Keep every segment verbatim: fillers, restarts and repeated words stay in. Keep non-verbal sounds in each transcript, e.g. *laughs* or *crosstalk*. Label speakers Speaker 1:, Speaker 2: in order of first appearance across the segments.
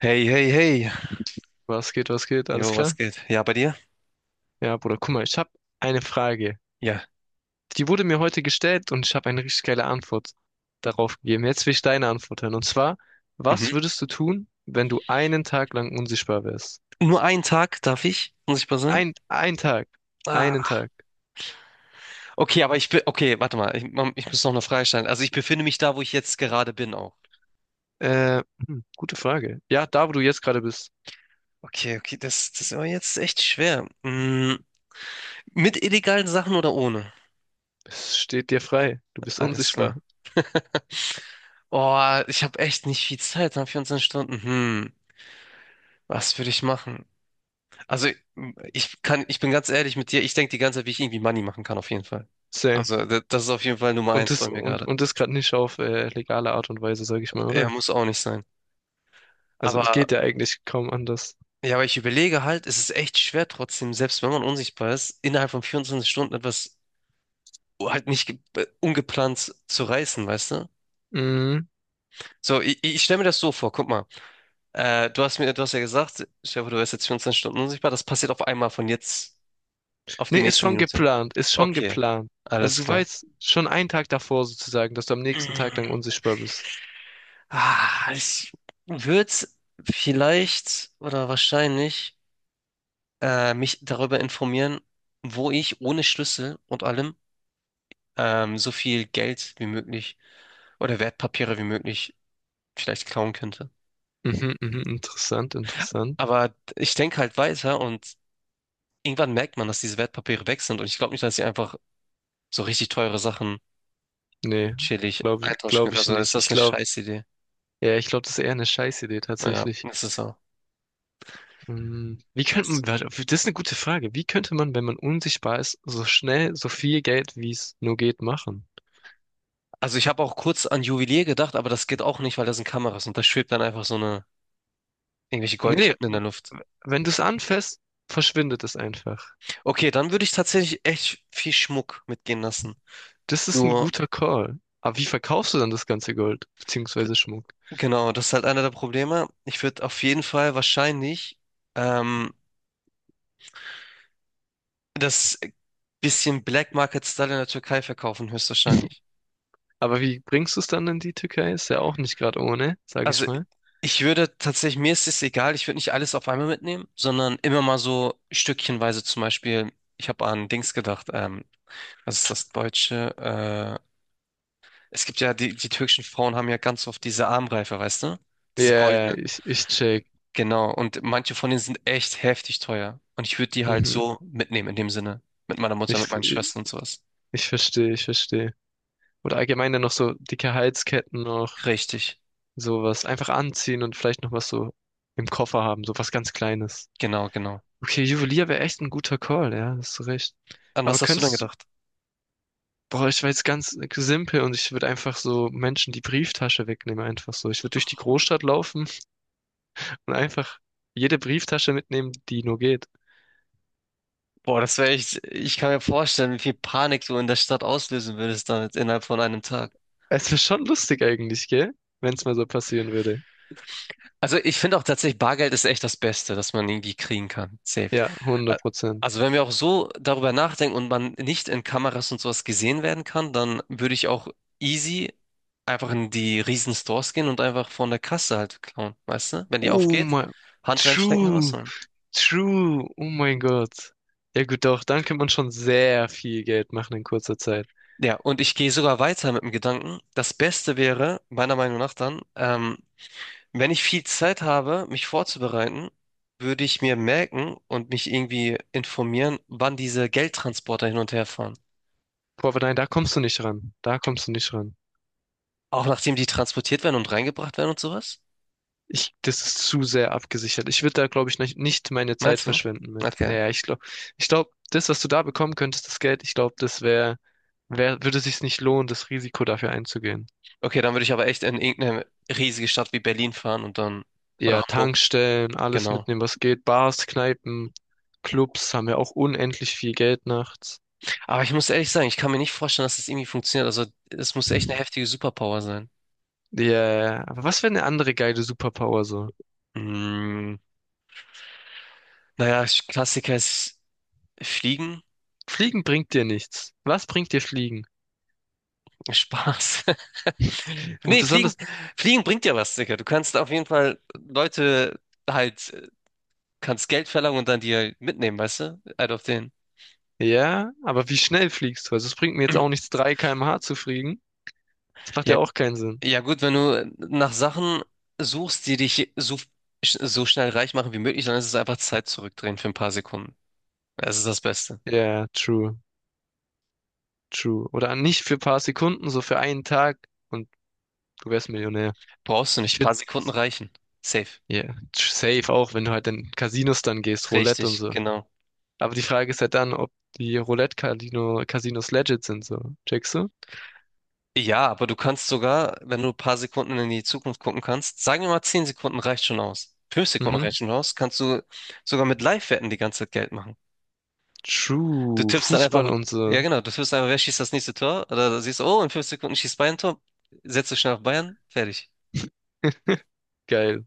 Speaker 1: Hey, hey, hey.
Speaker 2: Was geht, was geht? Alles
Speaker 1: Jo, was
Speaker 2: klar?
Speaker 1: geht? Ja, bei dir?
Speaker 2: Ja, Bruder, guck mal, ich habe eine Frage.
Speaker 1: Ja.
Speaker 2: Die wurde mir heute gestellt und ich habe eine richtig geile Antwort darauf gegeben. Jetzt will ich deine Antwort hören. Und zwar, was
Speaker 1: Mhm.
Speaker 2: würdest du tun, wenn du einen Tag lang unsichtbar wärst?
Speaker 1: Nur einen Tag darf ich, muss ich mal sagen.
Speaker 2: Ein, ein Tag. Einen
Speaker 1: Ah.
Speaker 2: Tag.
Speaker 1: Okay, aber ich bin. Okay, warte mal. Ich, man- ich muss noch eine Frage stellen. Also ich befinde mich da, wo ich jetzt gerade bin auch.
Speaker 2: Äh, hm, gute Frage. Ja, da, wo du jetzt gerade bist,
Speaker 1: Okay, okay, das, das ist aber jetzt echt schwer. Mm, mit illegalen Sachen oder ohne?
Speaker 2: es steht dir frei. Du bist
Speaker 1: Alles
Speaker 2: unsichtbar.
Speaker 1: klar. *laughs* Oh, ich habe echt nicht viel Zeit, ne? Vierundzwanzig Stunden. Hm, was würde ich machen? Also ich kann, ich bin ganz ehrlich mit dir, ich denke die ganze Zeit, wie ich irgendwie Money machen kann, auf jeden Fall.
Speaker 2: Same.
Speaker 1: Also da- das ist auf jeden Fall Nummer
Speaker 2: Und
Speaker 1: eins
Speaker 2: das,
Speaker 1: bei mir
Speaker 2: und,
Speaker 1: gerade.
Speaker 2: und das gerade nicht auf äh, legale Art und Weise, sag ich mal,
Speaker 1: Er
Speaker 2: oder?
Speaker 1: muss auch nicht sein.
Speaker 2: Also es
Speaker 1: Aber
Speaker 2: geht ja eigentlich kaum anders.
Speaker 1: ja, aber ich überlege halt, es ist echt schwer trotzdem, selbst wenn man unsichtbar ist, innerhalb von vierundzwanzig Stunden etwas halt nicht ge- äh, ungeplant zu reißen, weißt du?
Speaker 2: Mhm.
Speaker 1: So, ich, ich stelle mir das so vor, guck mal. Äh, du hast mir, du hast ja gesagt, Stefan, du wärst jetzt vierundzwanzig Stunden unsichtbar, das passiert auf einmal von jetzt auf die
Speaker 2: Nee, ist
Speaker 1: nächste
Speaker 2: schon
Speaker 1: Minute.
Speaker 2: geplant, ist schon
Speaker 1: Okay,
Speaker 2: geplant.
Speaker 1: alles
Speaker 2: Also du
Speaker 1: klar.
Speaker 2: weißt schon einen Tag davor sozusagen, dass du am nächsten Tag lang unsichtbar bist.
Speaker 1: Ah, ich würde vielleicht oder wahrscheinlich äh, mich darüber informieren, wo ich ohne Schlüssel und allem ähm, so viel Geld wie möglich oder Wertpapiere wie möglich vielleicht klauen könnte.
Speaker 2: Mhm, mhm, interessant, interessant.
Speaker 1: Aber ich denke halt weiter und irgendwann merkt man, dass diese Wertpapiere weg sind und ich glaube nicht, dass ich einfach so richtig teure Sachen
Speaker 2: Nee,
Speaker 1: chillig
Speaker 2: glaube ich,
Speaker 1: eintauschen
Speaker 2: glaub
Speaker 1: könnte.
Speaker 2: ich
Speaker 1: Also ist
Speaker 2: nicht. Ich
Speaker 1: das eine
Speaker 2: glaube,
Speaker 1: Scheißidee.
Speaker 2: ja, ich glaube, das ist eher eine Scheißidee
Speaker 1: Ja,
Speaker 2: tatsächlich.
Speaker 1: das ist so.
Speaker 2: Hm, Wie könnte man, warte, das ist eine gute Frage. Wie könnte man, wenn man unsichtbar ist, so schnell so viel Geld, wie es nur geht, machen?
Speaker 1: Also ich habe auch kurz an Juwelier gedacht, aber das geht auch nicht, weil da sind Kameras und da schwebt dann einfach so eine Irgendwelche
Speaker 2: Nee, nee,
Speaker 1: Goldketten in der Luft.
Speaker 2: wenn du es anfasst, verschwindet es einfach.
Speaker 1: Okay, dann würde ich tatsächlich echt viel Schmuck mitgehen lassen.
Speaker 2: Das ist ein
Speaker 1: Nur,
Speaker 2: guter Call. Aber wie verkaufst du dann das ganze Gold, beziehungsweise Schmuck?
Speaker 1: genau, das ist halt einer der Probleme. Ich würde auf jeden Fall wahrscheinlich ähm, das bisschen Black Market Style in der Türkei verkaufen, höchstwahrscheinlich.
Speaker 2: Aber wie bringst du es dann in die Türkei? Ist ja auch nicht gerade ohne, sag ich
Speaker 1: Also
Speaker 2: mal.
Speaker 1: ich würde tatsächlich, mir ist es egal, ich würde nicht alles auf einmal mitnehmen, sondern immer mal so stückchenweise zum Beispiel, ich habe an Dings gedacht, ähm, was ist das Deutsche? Äh, es gibt ja, die, die türkischen Frauen haben ja ganz oft diese Armreife, weißt du?
Speaker 2: Ja,
Speaker 1: Diese
Speaker 2: yeah,
Speaker 1: goldenen.
Speaker 2: ich, ich check.
Speaker 1: Genau, und manche von denen sind echt heftig teuer. Und ich würde die halt
Speaker 2: Mhm.
Speaker 1: so mitnehmen in dem Sinne. Mit meiner Mutter,
Speaker 2: Ich,
Speaker 1: mit meinen Schwestern und sowas.
Speaker 2: ich verstehe, ich verstehe. Oder allgemein dann noch so dicke Halsketten noch,
Speaker 1: Richtig,
Speaker 2: sowas. Einfach anziehen und vielleicht noch was so im Koffer haben, so was ganz Kleines.
Speaker 1: genau, genau.
Speaker 2: Okay, Juwelier wäre echt ein guter Call, ja, hast du recht.
Speaker 1: An
Speaker 2: Aber
Speaker 1: was hast du denn
Speaker 2: könntest,
Speaker 1: gedacht?
Speaker 2: boah, ich war jetzt ganz simpel und ich würde einfach so Menschen die Brieftasche wegnehmen, einfach so. Ich würde durch die Großstadt laufen und einfach jede Brieftasche mitnehmen, die nur geht.
Speaker 1: Boah, das wäre echt, ich kann mir vorstellen, wie viel Panik du in der Stadt auslösen würdest damit innerhalb von einem Tag.
Speaker 2: Es ist schon lustig eigentlich, gell? Wenn es mal so passieren würde.
Speaker 1: Also ich finde auch tatsächlich, Bargeld ist echt das Beste, das man irgendwie kriegen kann. Safe.
Speaker 2: Ja,
Speaker 1: Ä-
Speaker 2: hundert Prozent.
Speaker 1: Also wenn wir auch so darüber nachdenken und man nicht in Kameras und sowas gesehen werden kann, dann würde ich auch easy einfach in die riesen Stores gehen und einfach von der Kasse halt klauen, weißt du? Wenn die
Speaker 2: Oh
Speaker 1: aufgeht,
Speaker 2: mein,
Speaker 1: Hand reinstecken,
Speaker 2: True,
Speaker 1: rausholen.
Speaker 2: true, oh mein Gott. Ja gut, doch, dann kann man schon sehr viel Geld machen in kurzer Zeit.
Speaker 1: Ja, und ich gehe sogar weiter mit dem Gedanken, das Beste wäre, meiner Meinung nach dann, ähm, Wenn ich viel Zeit habe, mich vorzubereiten, würde ich mir merken und mich irgendwie informieren, wann diese Geldtransporter hin und her fahren.
Speaker 2: Boah, aber nein, da kommst du nicht ran. Da kommst du nicht ran.
Speaker 1: Auch nachdem die transportiert werden und reingebracht werden und sowas?
Speaker 2: Ich, das ist zu sehr abgesichert. Ich würde da, glaube ich, nicht, nicht meine Zeit
Speaker 1: Meinst du?
Speaker 2: verschwenden mit.
Speaker 1: Okay.
Speaker 2: Naja, ich glaube, ich glaube, das, was du da bekommen könntest, das Geld, ich glaube, das wäre, wär, wär- würde sich's nicht lohnen, das Risiko dafür einzugehen.
Speaker 1: Okay, dann würde ich aber echt in irgendeine riesige Stadt wie Berlin fahren und dann, oder
Speaker 2: Ja,
Speaker 1: Hamburg,
Speaker 2: Tankstellen, alles
Speaker 1: genau.
Speaker 2: mitnehmen, was geht. Bars, Kneipen, Clubs haben ja auch unendlich viel Geld nachts.
Speaker 1: Aber ich muss ehrlich sagen, ich kann mir nicht vorstellen, dass das irgendwie funktioniert. Also, es muss echt eine heftige Superpower sein.
Speaker 2: Ja, aber was wäre eine andere geile Superpower so?
Speaker 1: Mm, naja, Klassiker ist Fliegen.
Speaker 2: Fliegen bringt dir nichts. Was bringt dir Fliegen?
Speaker 1: *laughs* Spaß.
Speaker 2: Und
Speaker 1: Nee, Fliegen,
Speaker 2: besonders,
Speaker 1: Fliegen bringt ja was, Digga. Du kannst auf jeden Fall Leute halt, äh, kannst Geld verlangen und dann die halt mitnehmen, weißt du? Halt auf den.
Speaker 2: ja, aber wie schnell fliegst du? Also es bringt mir jetzt auch nichts, drei Kilometer pro Stunde zu fliegen. Das macht
Speaker 1: Ja,
Speaker 2: ja auch keinen Sinn.
Speaker 1: ja gut, wenn du nach Sachen suchst, die dich so, so schnell reich machen wie möglich, dann ist es einfach Zeit zurückdrehen für ein paar Sekunden. Das ist das Beste.
Speaker 2: Ja, true, true. Oder nicht für ein paar Sekunden, so für einen Tag und du wärst Millionär.
Speaker 1: Brauchst du nicht, ein
Speaker 2: Ich würde,
Speaker 1: paar Sekunden reichen. Safe.
Speaker 2: ja, safe auch, wenn du halt in Casinos dann gehst, Roulette und
Speaker 1: Richtig,
Speaker 2: so.
Speaker 1: genau.
Speaker 2: Aber die Frage ist ja dann, ob die roulette Casinos legit sind, so. Checkst du?
Speaker 1: Ja, aber du kannst sogar, wenn du ein paar Sekunden in die Zukunft gucken kannst, sagen wir mal zehn Sekunden reicht schon aus. Fünf Sekunden
Speaker 2: Mhm.
Speaker 1: reicht schon aus, kannst du sogar mit Live-Wetten die ganze Zeit Geld machen. Du
Speaker 2: True.
Speaker 1: tippst dann
Speaker 2: Fußball
Speaker 1: einfach,
Speaker 2: und
Speaker 1: ja
Speaker 2: so.
Speaker 1: genau, du tippst einfach, wer schießt das nächste Tor? Oder du siehst, oh, in fünf Sekunden schießt Bayern ein Tor, setzt du schnell auf Bayern, fertig.
Speaker 2: *laughs* Geil.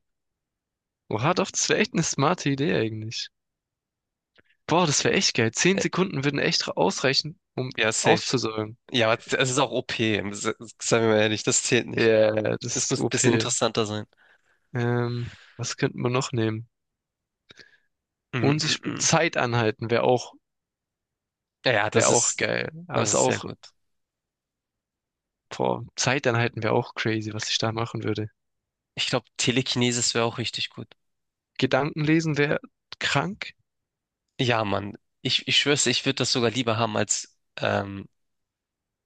Speaker 2: Oha, doch, das wäre echt eine smarte Idee eigentlich. Boah, das wäre echt geil. Zehn
Speaker 1: Ja,
Speaker 2: Sekunden würden echt ausreichen, um
Speaker 1: ja, safe.
Speaker 2: auszusäumen.
Speaker 1: Ja, aber es ist auch o p, se- seien wir mal ehrlich, das zählt nicht.
Speaker 2: Ja, yeah, das
Speaker 1: Es
Speaker 2: ist
Speaker 1: muss ein bisschen
Speaker 2: O P.
Speaker 1: interessanter sein.
Speaker 2: Ähm, was könnte man noch nehmen?
Speaker 1: Mm, mm,
Speaker 2: Unsichtbar
Speaker 1: mm.
Speaker 2: Zeit anhalten wäre auch,
Speaker 1: Ja, ja, das
Speaker 2: wäre auch
Speaker 1: ist,
Speaker 2: geil. Aber
Speaker 1: das
Speaker 2: ist
Speaker 1: ist sehr
Speaker 2: auch,
Speaker 1: gut.
Speaker 2: boah, Zeit anhalten wäre auch crazy, was ich da machen würde.
Speaker 1: Ich glaube, Telekinesis wäre auch richtig gut.
Speaker 2: Gedanken lesen wäre krank.
Speaker 1: Ja, Mann, ich, ich schwör's, dir, ich würde das sogar lieber haben als ähm,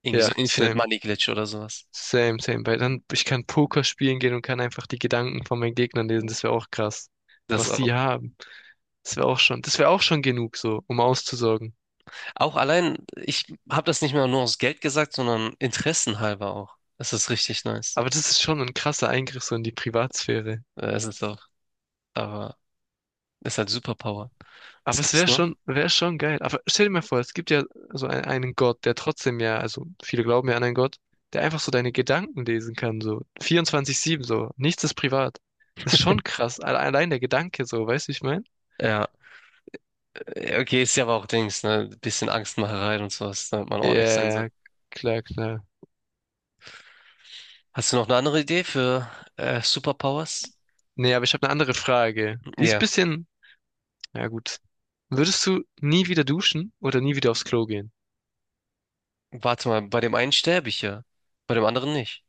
Speaker 1: irgendwie so
Speaker 2: Ja,
Speaker 1: Infinite
Speaker 2: same.
Speaker 1: Money Glitch oder sowas.
Speaker 2: Same, same. Weil dann, ich kann Poker spielen gehen und kann einfach die Gedanken von meinen Gegnern lesen. Das wäre auch krass.
Speaker 1: Das
Speaker 2: Was die
Speaker 1: auch.
Speaker 2: haben. Das wäre auch schon, das wäre auch schon genug so, um auszusorgen.
Speaker 1: Auch allein, ich habe das nicht mehr nur aus Geld gesagt, sondern interessenhalber auch. Das ist richtig nice.
Speaker 2: Aber das ist schon ein krasser Eingriff so in die Privatsphäre.
Speaker 1: Äh, Es ist auch, aber ist halt Superpower.
Speaker 2: Aber
Speaker 1: Was
Speaker 2: es
Speaker 1: gibt's
Speaker 2: wäre
Speaker 1: noch?
Speaker 2: schon, wäre schon geil. Aber stell dir mal vor, es gibt ja so ein, einen Gott, der trotzdem ja, also viele glauben ja an einen Gott, der einfach so deine Gedanken lesen kann, so vierundzwanzig sieben so. Nichts ist privat. Ist schon krass. Alle- Allein der Gedanke so, weißt du, wie ich meine?
Speaker 1: Ja, äh, okay, ist ja aber auch Dings, ne? Bisschen Angstmacherei und sowas, damit man ordentlich sein soll.
Speaker 2: Ja, klar, klar.
Speaker 1: Hast du noch eine andere Idee für äh, Superpowers?
Speaker 2: Nee, aber ich habe eine andere Frage. Die ist ein
Speaker 1: Ja,
Speaker 2: bisschen, ja gut. Würdest du nie wieder duschen oder nie wieder aufs Klo gehen?
Speaker 1: warte mal, bei dem einen sterbe ich ja, bei dem anderen nicht.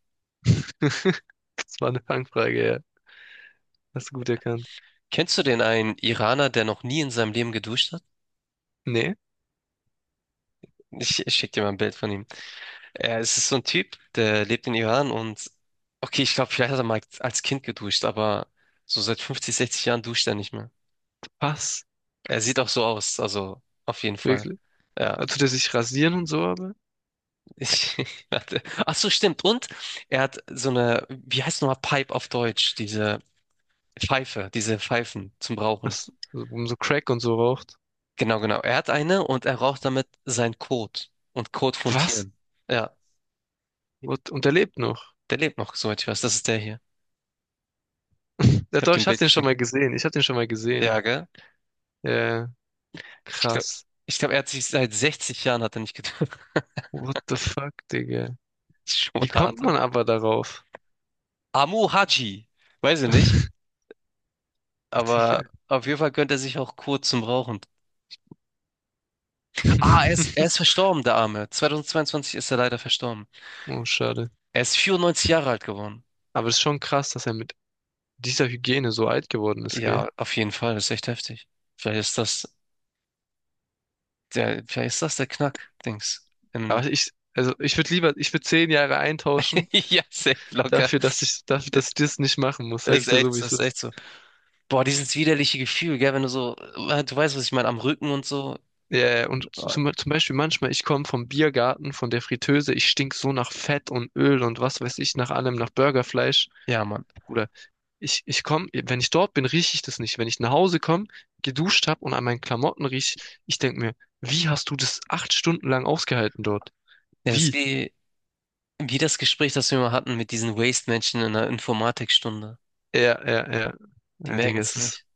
Speaker 2: *laughs* Das war eine Fangfrage, ja. Hast du gut erkannt.
Speaker 1: Kennst du den einen Iraner, der noch nie in seinem Leben geduscht hat?
Speaker 2: Nee,
Speaker 1: Ich, ich schick dir mal ein Bild von ihm. Er, es ist so ein Typ, der lebt in Iran und okay, ich glaube, vielleicht hat er mal als Kind geduscht, aber so seit fünfzig, sechzig Jahren duscht er nicht mehr.
Speaker 2: was?
Speaker 1: Er sieht auch so aus, also auf jeden Fall.
Speaker 2: Wirklich?
Speaker 1: Ja,
Speaker 2: Also, der sich rasieren und so, aber?
Speaker 1: ich *laughs* hatte. Ach so, stimmt. Und er hat so eine, wie heißt nochmal Pipe auf Deutsch? Diese Pfeife, diese Pfeifen zum Rauchen.
Speaker 2: Was? So, um so Crack und so raucht.
Speaker 1: Genau, genau. Er hat eine und er raucht damit seinen Kot und Kot von
Speaker 2: Was?
Speaker 1: Tieren. Ja.
Speaker 2: Und, und er lebt noch.
Speaker 1: Der lebt noch, soweit ich weiß. Das ist der hier.
Speaker 2: *laughs* Ja,
Speaker 1: Ich habe
Speaker 2: doch,
Speaker 1: dir ein
Speaker 2: ich hab
Speaker 1: Bild
Speaker 2: den schon
Speaker 1: geschickt.
Speaker 2: mal gesehen. Ich hab den schon mal gesehen.
Speaker 1: Ja, gell?
Speaker 2: Ja,
Speaker 1: Ich glaube,
Speaker 2: krass.
Speaker 1: ich glaub, er hat sich seit sechzig Jahren hat er nicht getroffen. *laughs*
Speaker 2: What the fuck, Digga?
Speaker 1: Das ist schon
Speaker 2: Wie kommt
Speaker 1: hart.
Speaker 2: man aber darauf?
Speaker 1: Amu Haji. Weiß ich nicht.
Speaker 2: *laughs*
Speaker 1: Aber
Speaker 2: Digga.
Speaker 1: auf jeden Fall gönnt er sich auch kurz zum Rauchen. Ah, er ist, er ist
Speaker 2: *laughs*
Speaker 1: verstorben, der Arme. zwanzig zweiundzwanzig ist er leider verstorben.
Speaker 2: Oh, schade.
Speaker 1: Er ist vierundneunzig Jahre alt geworden.
Speaker 2: Aber es ist schon krass, dass er mit dieser Hygiene so alt geworden ist, gell?
Speaker 1: Ja, auf jeden Fall. Das ist echt heftig. Vielleicht ist das der, vielleicht ist das der Knack-Dings.
Speaker 2: Aber
Speaker 1: Im-
Speaker 2: ich, also ich würde lieber, ich würde zehn Jahre eintauschen
Speaker 1: *laughs* Ja, safe locker.
Speaker 2: dafür, dass ich, dafür, dass ich das nicht machen muss, sage ich
Speaker 1: Ist
Speaker 2: dir
Speaker 1: echt,
Speaker 2: so, wie
Speaker 1: das
Speaker 2: es
Speaker 1: ist echt
Speaker 2: ist.
Speaker 1: so. Boah, dieses widerliche Gefühl, gell, wenn du so, äh, du weißt, was ich meine, am Rücken und so.
Speaker 2: Ja, ja, und
Speaker 1: Oh,
Speaker 2: zum, zum Beispiel manchmal, ich komme vom Biergarten, von der Friteuse, ich stink so nach Fett und Öl und was weiß ich, nach allem, nach Burgerfleisch.
Speaker 1: ja, Mann.
Speaker 2: Bruder, ich, ich komme, wenn ich dort bin, rieche ich das nicht. Wenn ich nach Hause komme, geduscht habe und an meinen Klamotten riech, ich denke mir, wie hast du das acht Stunden lang ausgehalten dort?
Speaker 1: Ja, das ist
Speaker 2: Wie?
Speaker 1: wie, wie, das Gespräch, das wir mal hatten mit diesen Waste-Menschen in der Informatikstunde.
Speaker 2: Ja, ja, ja.
Speaker 1: Die
Speaker 2: Ja,
Speaker 1: merken
Speaker 2: Digga,
Speaker 1: es
Speaker 2: es ist.
Speaker 1: nicht.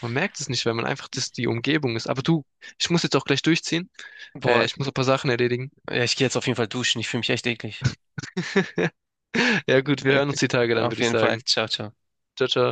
Speaker 2: Man merkt es nicht, weil man einfach das die Umgebung ist. Aber du, ich muss jetzt auch gleich durchziehen. Äh,
Speaker 1: Boah,
Speaker 2: ich muss ein paar Sachen erledigen.
Speaker 1: ja, ich gehe jetzt auf jeden Fall duschen. Ich fühle mich echt eklig.
Speaker 2: *laughs* Ja gut, wir hören uns
Speaker 1: Okay.
Speaker 2: die Tage dann,
Speaker 1: Auf
Speaker 2: würde ich
Speaker 1: jeden Fall.
Speaker 2: sagen.
Speaker 1: Ciao, ciao.
Speaker 2: Ciao, ciao.